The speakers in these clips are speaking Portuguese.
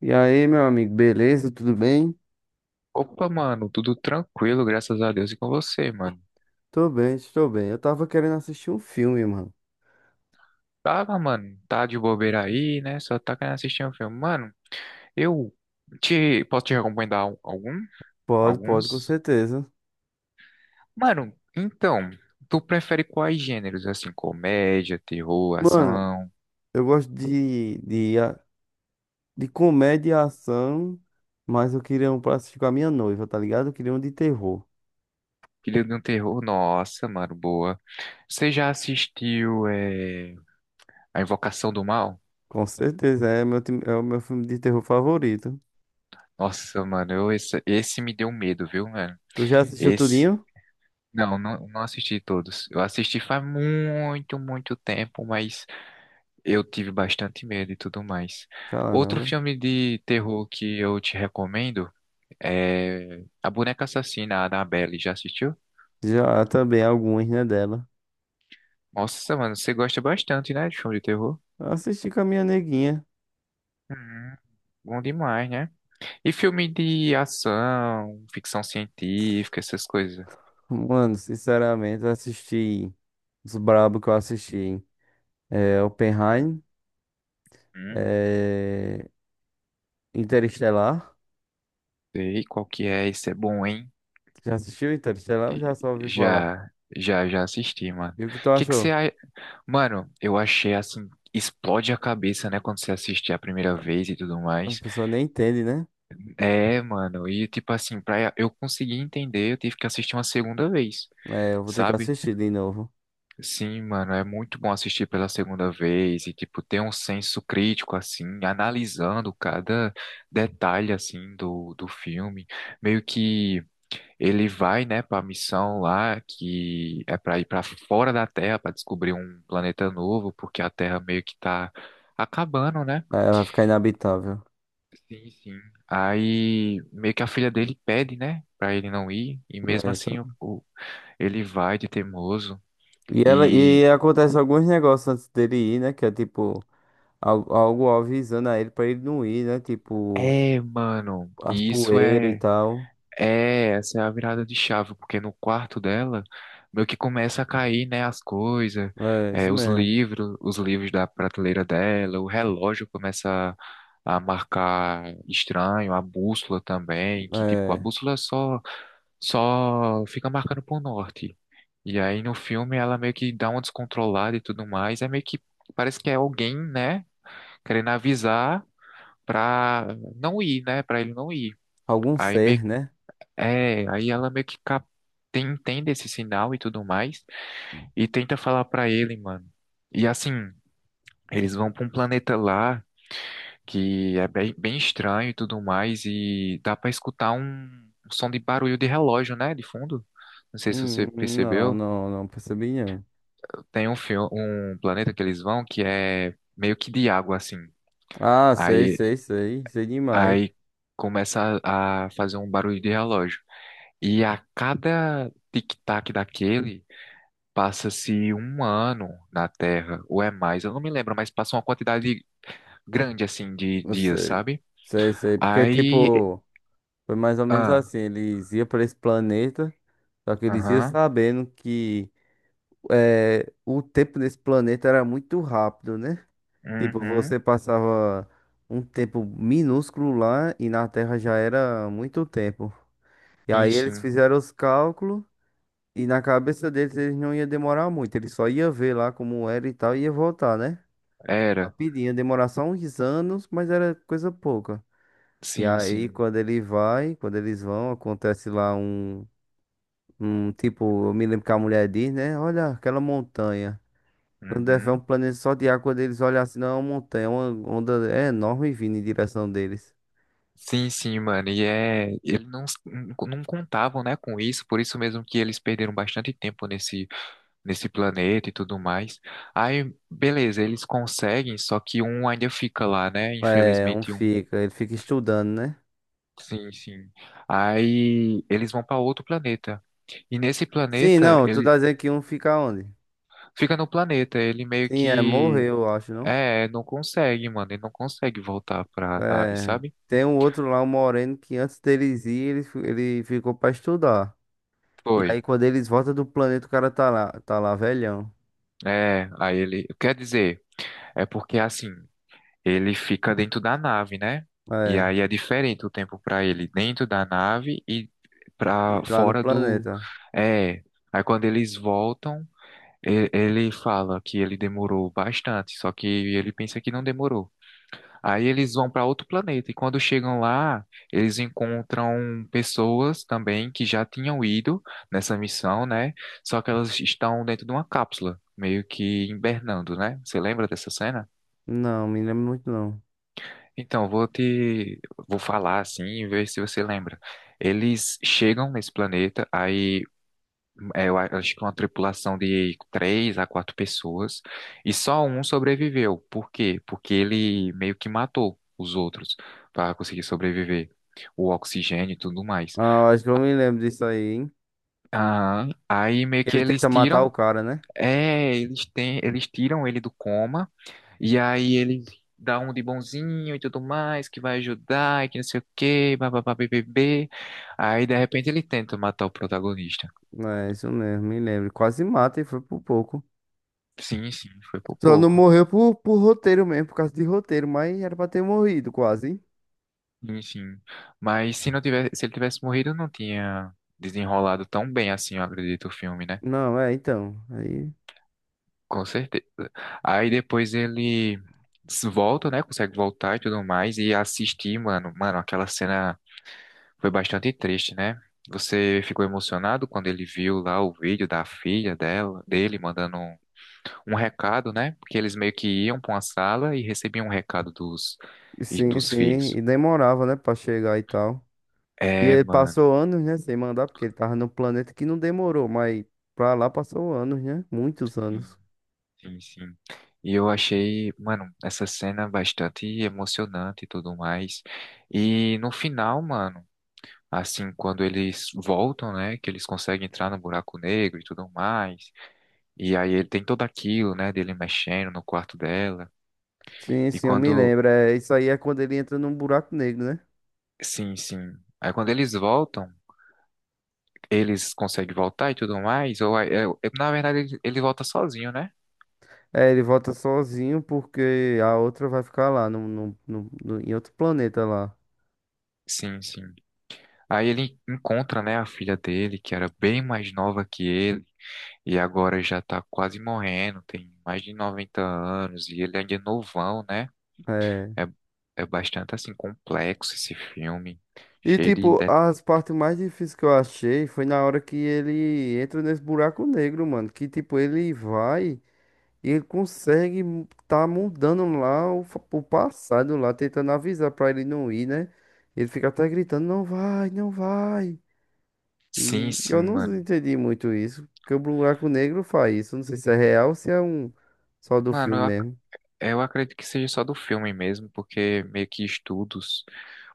E aí, meu amigo, beleza? Tudo bem? Opa, mano, tudo tranquilo, graças a Deus e com você, mano. Tô bem, estou bem. Eu tava querendo assistir um filme, mano. Tava, mano, tá de bobeira aí, né? Só tá querendo assistir um filme. Mano, eu te posso te recomendar algum? Pode, pode, com Alguns? certeza. Mano, então, tu prefere quais gêneros? Assim, comédia, terror, Mano, ação? eu gosto de comédia e ação, mas eu queria um pra assistir com a minha noiva, tá ligado? Eu queria um de terror. Filho de um terror? Nossa, mano, boa. Você já assistiu A Invocação do Mal? Com certeza, é é o meu filme de terror favorito. Nossa, mano, esse me deu medo, viu, mano? Tu já assistiu Esse. tudinho? Não, não, não assisti todos. Eu assisti faz muito, muito tempo, mas eu tive bastante medo e tudo mais. Outro Caramba. filme de terror que eu te recomendo é A Boneca Assassina, a Annabelle. Já assistiu? Já também alguns, né, dela. Nossa, mano, você gosta bastante, né, de filme de terror? Eu assisti com a minha neguinha. Hum, bom demais, né? E filme de ação, ficção científica, essas coisas? Mano, sinceramente, eu assisti os brabo que eu assisti. Oppenheim, Hum, é, Interestelar. sei qual que é, esse é bom, hein? Já assistiu Interestelar? Ou já só ouviu falar. Já, já, já assisti, mano. E o que tu O que que você achou? a- Mano, eu achei assim, explode a cabeça, né, quando você assiste a primeira vez e tudo A mais. pessoa nem entende, né? É, mano, e tipo assim, pra eu conseguir entender, eu tive que assistir uma segunda vez, É, eu vou ter que sabe? assistir de novo. Sim, mano, é muito bom assistir pela segunda vez e tipo ter um senso crítico assim, analisando cada detalhe assim do filme, meio que ele vai, né, para a missão lá que é para ir para fora da Terra para descobrir um planeta novo, porque a Terra meio que tá acabando, né? Aí vai ficar inabitável. Sim, sim. Aí meio que a filha dele pede, né, para ele não ir, e É mesmo isso. assim ele vai de teimoso. E ela, E e acontece alguns negócios antes dele ir, né? Que é tipo, algo avisando a ele pra ele não ir, né? Tipo, é, mano, as e isso poeiras e é tal. É, essa é a virada de chave, porque no quarto dela meio que começa a cair, né, as coisas, É, isso é, os mesmo. livros, os livros da prateleira dela, o relógio começa a marcar estranho, a bússola também, que tipo, a É, bússola só fica marcando pro norte. E aí no filme ela meio que dá uma descontrolada e tudo mais, é meio que parece que é alguém, né, querendo avisar pra não ir, né, pra ele não ir. algum Aí meio ser, né? é, aí ela meio que cap... entende esse sinal e tudo mais e tenta falar pra ele, mano. E assim, eles vão pra um planeta lá que é bem, bem estranho e tudo mais e dá pra escutar um som de barulho de relógio, né, de fundo. Não sei se você Hum, percebeu, não percebi não. tem um filme um planeta que eles vão que é meio que de água assim. Ah, sei, Aí sei, sei. Sei demais. aí começa a fazer um barulho de relógio. E a cada tic-tac daquele passa-se um ano na Terra, ou é mais, eu não me lembro, mas passa uma quantidade grande, assim, de Eu dias, sei. sabe? Sei, sei. Porque, Aí. tipo, foi mais ou menos Ah, assim. Eles iam pra esse planeta, só que eles iam aham, sabendo que o tempo nesse planeta era muito rápido, né? Tipo, uhum, você passava um tempo minúsculo lá e na Terra já era muito tempo. E sim, aí eles sim, fizeram os cálculos e na cabeça deles eles não ia demorar muito. Eles só ia ver lá como era e tal e ia voltar, né? era, Rapidinho, demorar só uns anos, mas era coisa pouca. E sim, aí, sim, quando ele vai, quando eles vão, acontece lá um, um tipo, eu me lembro que a mulher diz, né? Olha aquela montanha. Quando é um uhum. planeta só de água, quando eles olham assim, não é uma montanha, é uma onda enorme vindo em direção deles. Sim, sim, mano, e é. Eles não contavam, né, com isso, por isso mesmo que eles perderam bastante tempo nesse planeta e tudo mais. Aí, beleza, eles conseguem, só que um ainda fica lá, né? É, um Infelizmente, um. fica, ele fica estudando, né? Sim, sim. Aí eles vão para outro planeta. E nesse Sim, planeta, não, tu ele tá dizendo que um fica onde? fica no planeta, ele meio Sim, é, que morreu, eu acho, não? Não consegue, mano, ele não consegue voltar pra nave, É, sabe? tem um outro lá, um moreno, que antes deles ir, ele ficou pra estudar. E aí Foi. quando eles voltam do planeta, o cara tá lá velhão. É, aí ele, quer dizer, é porque assim, ele fica dentro da nave, né? E É, aí é diferente o tempo pra ele dentro da nave e pra lá no fora do planeta. é. Aí quando eles voltam, ele fala que ele demorou bastante, só que ele pensa que não demorou. Aí eles vão para outro planeta e quando chegam lá, eles encontram pessoas também que já tinham ido nessa missão, né? Só que elas estão dentro de uma cápsula, meio que hibernando, né? Você lembra dessa cena? Não, me lembro muito não. Então, vou falar assim e ver se você lembra. Eles chegam nesse planeta, aí acho que uma tripulação de três a quatro pessoas e só um sobreviveu. Por quê? Porque ele meio que matou os outros para conseguir sobreviver. O oxigênio e tudo mais. Ah, acho que eu me lembro disso aí, hein? Ah, aí meio que Ele tenta matar o cara, né? Eles tiram ele do coma e aí ele dá um de bonzinho e tudo mais que vai ajudar e que não sei o quê, bababá, bbb. Aí de repente ele tenta matar o protagonista. É, isso mesmo, me lembro. Quase mata e foi por pouco. Sim, sim, foi por Só não pouco. morreu por roteiro mesmo, por causa de roteiro, mas era pra ter morrido quase. Hein? Sim, sim. Mas se não tivesse, se ele tivesse morrido, não tinha desenrolado tão bem assim, eu acredito, o filme, né? Não, é, então. Aí, Com certeza. Aí depois ele volta, né? Consegue voltar e tudo mais. E assistir, mano. Mano, aquela cena foi bastante triste, né? Você ficou emocionado quando ele viu lá o vídeo da filha dela, dele mandando um recado, né? Porque eles meio que iam pra uma sala e recebiam um recado dos, sim, dos sim. filhos. E demorava, né, pra chegar e tal. E É, ele mano. passou anos, né, sem mandar, porque ele tava no planeta que não demorou, mas pra lá passou anos, né? Muitos anos. Sim, sim. E eu achei, mano, essa cena bastante emocionante e tudo mais. E no final, mano, assim, quando eles voltam, né, que eles conseguem entrar no buraco negro e tudo mais. E aí ele tem todo aquilo, né, dele mexendo no quarto dela. Sim, E sim, eu me quando, lembro. É, isso aí é quando ele entra num buraco negro, né? sim, sim. Aí quando eles voltam, eles conseguem voltar e tudo mais. Ou aí- eu- Na verdade ele, ele volta sozinho, né? É, ele volta sozinho porque a outra vai ficar lá, em outro planeta lá. Sim, sim. Aí ele encontra, né, a filha dele, que era bem mais nova que ele. E agora já tá quase morrendo, tem mais de 90 anos e ele ainda é novão, né? É. É, é bastante assim complexo esse filme, E cheio de, tipo, de... as partes mais difíceis que eu achei foi na hora que ele entra nesse buraco negro, mano. Que tipo, ele vai e ele consegue tá mudando lá o passado lá, tentando avisar pra ele não ir, né? Ele fica até gritando, não vai, não vai. Sim, E sim, eu não mano. entendi muito isso, porque o buraco negro faz isso. Não sei se é real ou se é um só do Mano, filme mesmo. eu acredito que seja só do filme mesmo, porque meio que estudos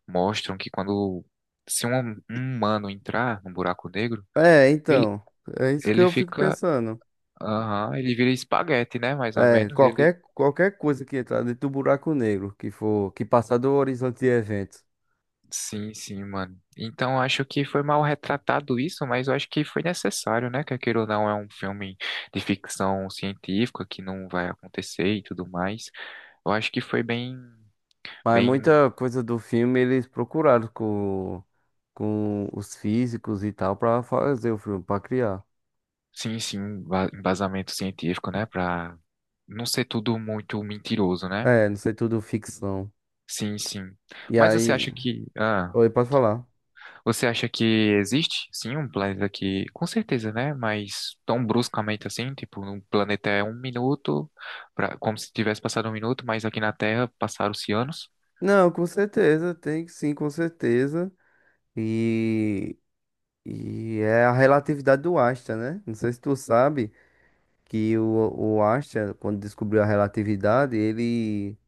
mostram que quando se um humano entrar no buraco negro, É, ele, então, é isso que ele eu fico fica, pensando. aham, ele vira espaguete, né? Mais ou É, menos, ele. Qualquer coisa que entrar dentro do buraco negro, que for, que passar do horizonte de eventos. Sim, sim, mano. Então acho que foi mal retratado isso, mas eu acho que foi necessário, né? Que aquilo não é um filme de ficção científica que não vai acontecer e tudo mais. Eu acho que foi bem, Mas bem, muita coisa do filme eles procuraram com os físicos e tal pra fazer o filme, pra criar. sim, sim, um embasamento científico, né? Pra não ser tudo muito mentiroso, né? É, não sei, tudo ficção. Sim, sim. E Mas você aí, acha que, ah, oi, pode falar? Você acha que existe, sim, um planeta que, com certeza, né? Mas tão bruscamente assim, tipo, um planeta é um minuto, pra, como se tivesse passado um minuto, mas aqui na Terra passaram-se anos. Não, com certeza, tem sim, com certeza. E, e é a relatividade do Einstein, né? Não sei se tu sabe que o Einstein, quando descobriu a relatividade, ele,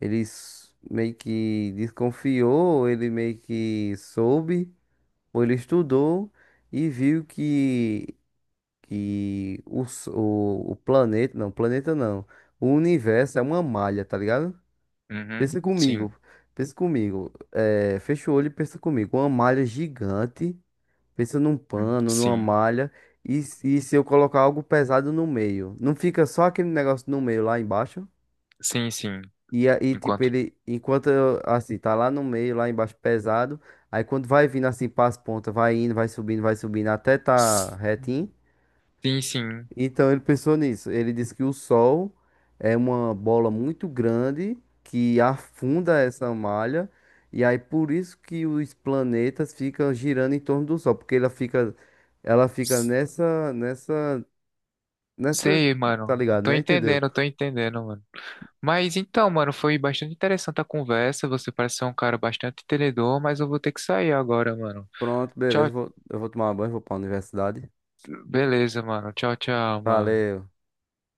meio que desconfiou, ele meio que soube, ou ele estudou e viu que, o planeta não, o universo é uma malha, tá ligado? Uhum, Pensa sim, comigo, pensa comigo, é, fecha o olho e pensa comigo, uma malha gigante. Pensa num pano, numa sim, malha. E, e se eu colocar algo pesado no meio? Não fica só aquele negócio no meio lá embaixo? sim, sim. E aí, tipo, Enquanto. ele, enquanto eu, assim, tá lá no meio, lá embaixo, pesado. Aí quando vai vindo assim para as pontas, vai indo, vai subindo até tá retinho. Sim, sim. Então ele pensou nisso. Ele disse que o Sol é uma bola muito grande que afunda essa malha, e aí por isso que os planetas ficam girando em torno do Sol, porque ela fica nessa, Sei, tá mano. ligado, né? Entendeu? Tô entendendo, mano. Mas então, mano, foi bastante interessante a conversa. Você parece ser um cara bastante entendedor, mas eu vou ter que sair agora, mano. Pronto, Tchau, beleza. Eu vou tomar banho, vou pra universidade. beleza, mano. Tchau, tchau, mano. Valeu.